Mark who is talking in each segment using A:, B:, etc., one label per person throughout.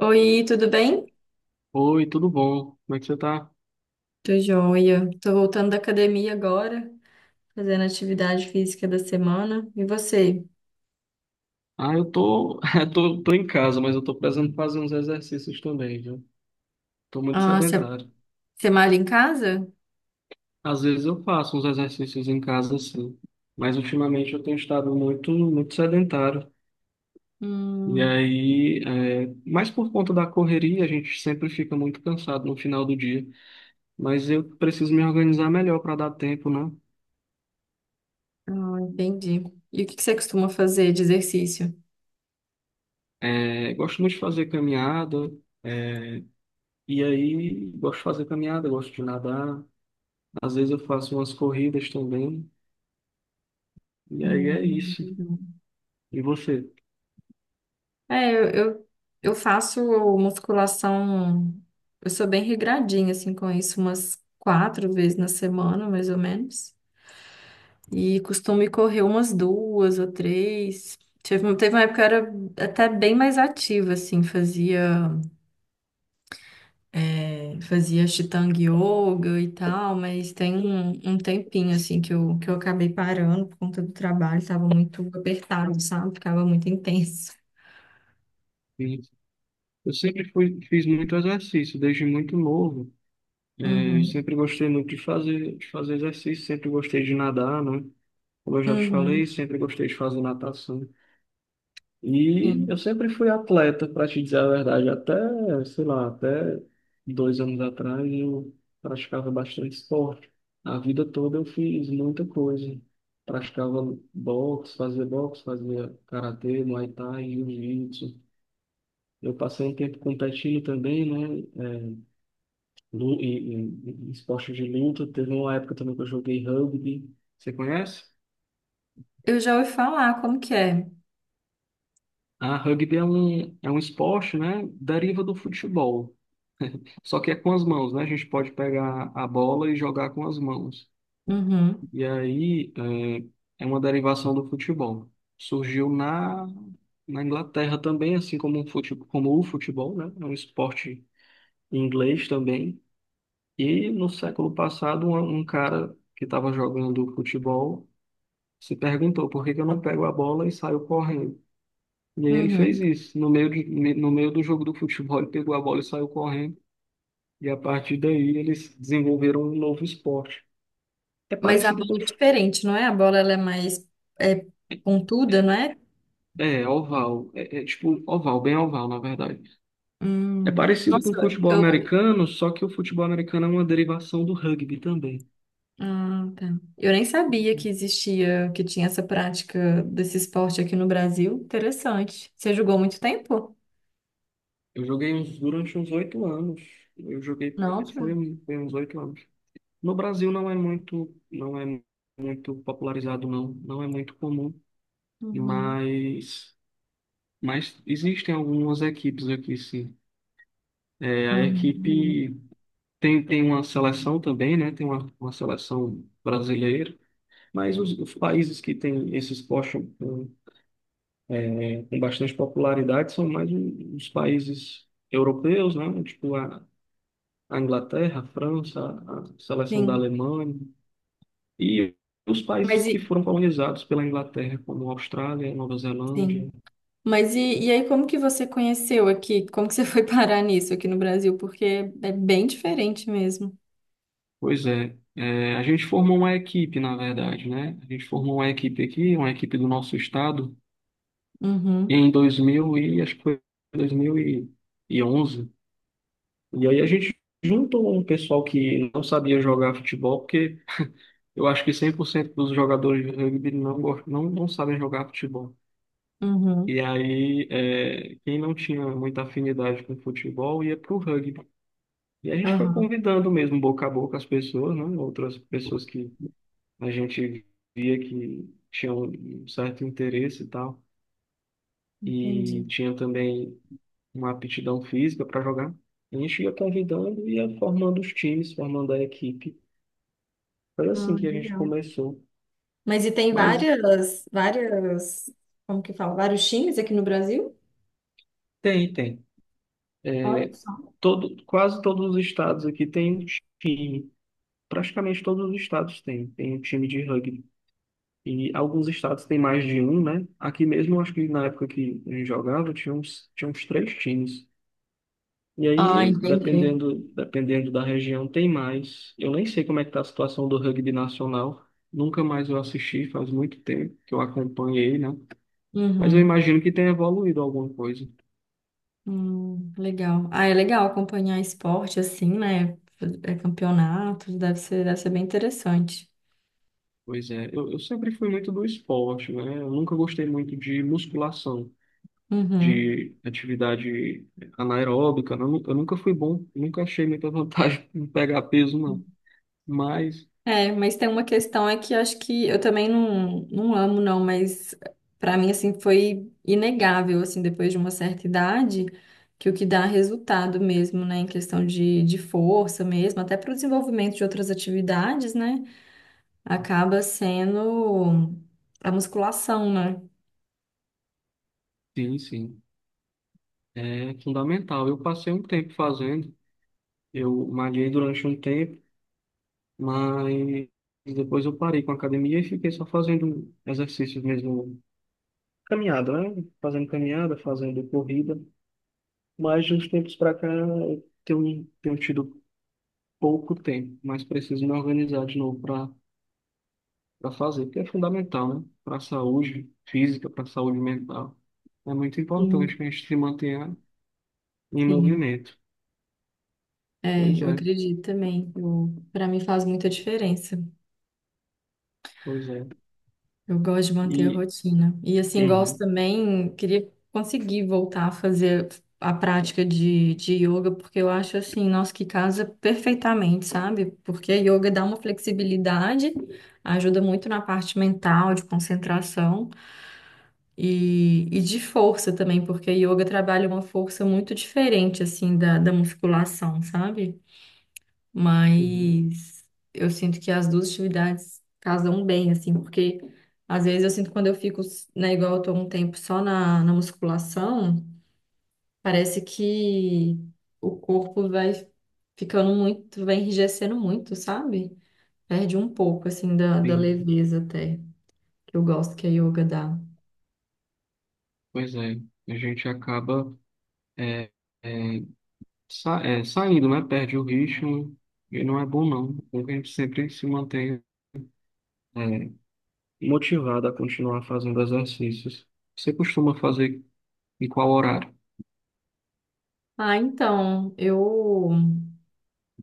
A: Oi, tudo bem?
B: Oi, tudo bom? Como é que você tá?
A: Tô joia. Tô voltando da academia agora, fazendo atividade física da semana. E você?
B: Ah, eu tô, tô em casa, mas eu tô precisando fazer uns exercícios também, viu? Tô muito
A: Ah, você
B: sedentário.
A: você malha em casa?
B: Às vezes eu faço uns exercícios em casa, sim, mas ultimamente eu tenho estado muito, muito sedentário. E
A: Hum,
B: aí, mas por conta da correria, a gente sempre fica muito cansado no final do dia. Mas eu preciso me organizar melhor para dar tempo, né?
A: ah, entendi. E o que que você costuma fazer de exercício?
B: É, gosto muito de fazer caminhada, é, e aí gosto de fazer caminhada, gosto de nadar. Às vezes eu faço umas corridas também, e aí é
A: Hum,
B: isso. E você?
A: é, eu, eu, eu faço musculação. Eu sou bem regradinha, assim, com isso, umas quatro vezes na semana, mais ou menos. E costumo ir correr umas duas ou três. Teve uma época que eu era até bem mais ativa, assim, fazia Ashtanga Yoga e tal, mas tem um tempinho, assim, que eu acabei parando por conta do trabalho, estava muito apertado, sabe? Ficava muito intenso.
B: Sim. Eu sempre fui, fiz muito exercício, desde muito novo. É, eu
A: Uhum,
B: sempre gostei muito de fazer exercício, sempre gostei de nadar, né? Como eu já te falei,
A: uhum,
B: sempre gostei de fazer natação. E
A: sim.
B: eu sempre fui atleta, para te dizer a verdade, até, sei lá, até 2 anos atrás eu praticava bastante esporte. A vida toda eu fiz muita coisa. Praticava boxe, fazia karatê, muay thai, jiu-jitsu. Eu passei um tempo competindo também, né? Em esporte de luta. Teve uma época também que eu joguei rugby. Você conhece?
A: Eu já ouvi falar como que é.
B: Ah, rugby é um esporte, né? Deriva do futebol. Só que é com as mãos, né? A gente pode pegar a bola e jogar com as mãos.
A: Uhum,
B: E aí é uma derivação do futebol. Surgiu na Inglaterra também, assim como, um fute, como o futebol, né? É um esporte inglês também. E no século passado, um cara que estava jogando futebol se perguntou por que que eu não pego a bola e saio correndo. E aí ele fez
A: uhum.
B: isso. No meio, de, no meio do jogo do futebol, ele pegou a bola e saiu correndo. E a partir daí eles desenvolveram um novo esporte. É
A: Mas a
B: parecido
A: bola
B: com.
A: é diferente, não é? A bola, ela é mais é, pontuda,
B: É,
A: não é?
B: é oval. É tipo oval, bem oval, na verdade. É parecido com o
A: Nossa.
B: futebol
A: Eu
B: americano, só que o futebol americano é uma derivação do rugby também.
A: Ah, tá. Eu nem sabia que
B: Sim.
A: existia, que tinha essa prática desse esporte aqui no Brasil. Interessante. Você jogou muito tempo?
B: Eu joguei uns, durante uns 8 anos. Eu joguei.
A: Não.
B: Foi uns 8 anos. No Brasil não é muito. Não é muito popularizado, não. Não é muito comum.
A: Uhum.
B: Mas. Mas existem algumas equipes aqui, sim. É, a
A: Uhum.
B: equipe. Tem uma seleção também, né? Tem uma seleção brasileira, mas os países que têm esses postos com, com bastante popularidade são mais os países europeus, né? Tipo a Inglaterra, a França, a seleção da
A: Sim.
B: Alemanha e os
A: Mas
B: países que
A: e,
B: foram colonizados pela Inglaterra, como Austrália, Nova Zelândia.
A: sim. E aí, como que você conheceu aqui? Como que você foi parar nisso aqui no Brasil? Porque é bem diferente mesmo.
B: Pois é, a gente formou uma equipe, na verdade, né? A gente formou uma equipe aqui, uma equipe do nosso estado
A: Uhum.
B: em 2000 e acho que foi 2011 e aí a gente juntou um pessoal que não sabia jogar futebol, porque eu acho que 100% dos jogadores de rugby não sabem jogar futebol.
A: Uhum.
B: E aí, quem não tinha muita afinidade com futebol ia para o rugby. E a gente foi
A: Aham.
B: convidando mesmo, boca a boca, as pessoas, né? Outras pessoas que a gente via que tinham um certo interesse e tal.
A: Entendi.
B: E tinha também uma aptidão física para jogar. A gente ia convidando, e ia formando os times, formando a equipe. Foi assim
A: Ah,
B: que a gente
A: legal.
B: começou.
A: Mas e tem
B: Mas
A: várias, várias, como que fala? Vários times aqui no Brasil?
B: tem.
A: Olha só.
B: Todo, quase todos os estados aqui tem um time. Praticamente todos os estados tem um time de rugby. E alguns estados têm mais de um, né? Aqui mesmo, acho que na época que a gente jogava, tinha uns três times. E
A: Ah,
B: aí,
A: entendi.
B: dependendo da região, tem mais. Eu nem sei como é que tá a situação do rugby nacional. Nunca mais eu assisti, faz muito tempo que eu acompanhei, né? Mas eu
A: Uhum.
B: imagino que tenha evoluído alguma coisa.
A: Legal. Ah, é legal acompanhar esporte assim, né? É campeonatos, deve ser bem interessante.
B: Pois é, eu sempre fui muito do esporte, né? Eu nunca gostei muito de musculação,
A: Uhum.
B: de atividade anaeróbica, né? Eu nunca fui bom, nunca achei muita vantagem em pegar peso, não. Mas,
A: É, mas tem uma questão é que acho que eu também não amo, não, mas pra mim, assim, foi inegável, assim, depois de uma certa idade, que o que dá resultado mesmo, né, em questão de, força mesmo, até para o desenvolvimento de outras atividades, né, acaba sendo a musculação, né?
B: sim, sim, é fundamental. Eu passei um tempo fazendo. Eu malhei durante um tempo, mas depois eu parei com a academia e fiquei só fazendo exercícios mesmo, caminhada, né? Fazendo caminhada, fazendo corrida. Mas de uns tempos para cá eu tenho tido pouco tempo, mas preciso me organizar de novo para fazer, porque é fundamental, né? Para a saúde física, para a saúde mental. É muito
A: Sim,
B: importante que a gente se mantenha em
A: sim.
B: movimento.
A: É,
B: Pois
A: eu
B: é,
A: acredito também. Para mim faz muita diferença.
B: pois é.
A: Eu gosto de manter a
B: E.
A: rotina. E assim, gosto
B: Uhum,
A: também, queria conseguir voltar a fazer a prática de, yoga, porque eu acho assim, nossa, que casa perfeitamente, sabe? Porque a yoga dá uma flexibilidade, ajuda muito na parte mental, de concentração e, de força também, porque a yoga trabalha uma força muito diferente, assim, da musculação, sabe?
B: uhum,
A: Mas eu sinto que as duas atividades casam bem, assim, porque às vezes eu sinto que quando eu fico, né, igual eu tô um tempo só na, musculação, parece que o corpo vai ficando muito, vai enrijecendo muito, sabe? Perde um pouco, assim, da
B: sim.
A: leveza até, que eu gosto que a yoga dá.
B: Pois é, a gente acaba é, é, saindo, né? Perde o ritmo e não é bom não. É bom que a gente sempre se mantém é, motivado a continuar fazendo exercícios. Você costuma fazer em qual horário?
A: Ah, então, eu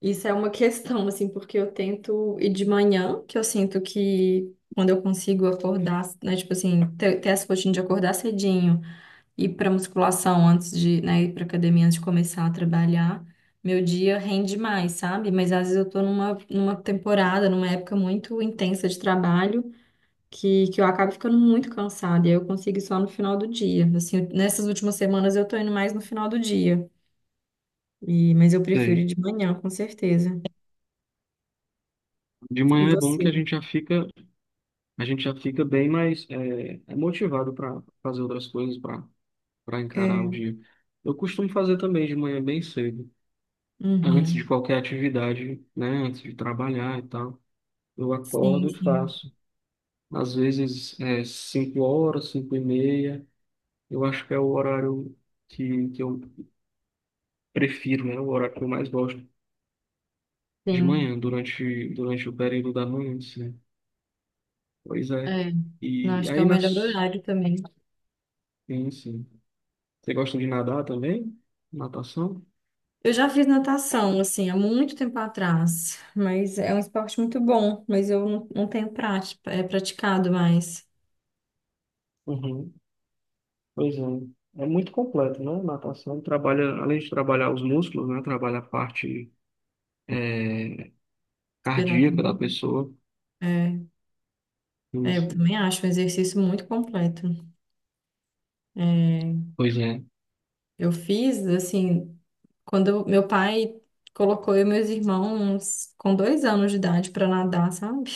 A: isso é uma questão, assim, porque eu tento ir de manhã, que eu sinto que quando eu consigo acordar, né, tipo assim, ter essa rotina de acordar cedinho, ir pra musculação antes de, né, ir pra academia antes de começar a trabalhar, meu dia rende mais, sabe? Mas às vezes eu tô numa temporada, numa época muito intensa de trabalho, que eu acabo ficando muito cansada, e aí eu consigo ir só no final do dia. Assim, nessas últimas semanas eu tô indo mais no final do dia, e, mas eu prefiro ir
B: Sei.
A: de manhã, com certeza.
B: De
A: E
B: manhã é bom que a
A: você?
B: gente já fica, a gente já fica bem mais motivado para fazer outras coisas, para encarar o
A: É,
B: dia. Eu costumo fazer também de manhã bem cedo, antes de
A: uhum.
B: qualquer atividade, né? Antes de trabalhar e tal. Eu
A: Sim,
B: acordo e
A: sim,
B: faço. Às vezes 5 horas, 5:30. Eu acho que é o horário que eu prefiro, né? O horário que eu mais gosto de
A: sim.
B: manhã, durante o período da manhã, né? Pois é.
A: É. Não,
B: E
A: acho que é o
B: aí
A: melhor
B: nas.
A: horário também.
B: Sim, sim. Você gosta de nadar também? Natação?
A: Eu já fiz natação, assim, há muito tempo atrás, mas é um esporte muito bom, mas eu não tenho prática, é praticado mais.
B: Uhum. Pois é. É muito completo, né? Natação trabalha, além de trabalhar os músculos, né? Trabalha a parte cardíaca da
A: Respiratório,
B: pessoa.
A: É,
B: Sim,
A: é, eu
B: sim.
A: também acho um exercício muito completo. É,
B: Pois é.
A: eu fiz, assim, meu pai colocou eu e meus irmãos com 2 anos de idade para nadar, sabe?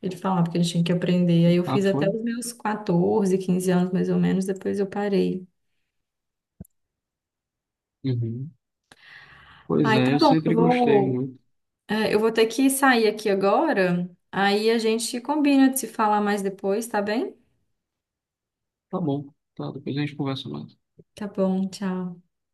A: Ele falava porque eles tinham que aprender. Aí eu
B: Ah,
A: fiz até
B: foi?
A: os meus 14 15 anos, mais ou menos, depois eu parei.
B: Uhum. Pois
A: Ai,
B: é,
A: tá
B: eu
A: bom, eu
B: sempre gostei
A: vou,
B: muito.
A: é, eu vou ter que sair aqui agora. Aí a gente combina de se falar mais depois, tá bem?
B: Tá bom, tá. Depois a gente conversa mais.
A: Tá bom, tchau.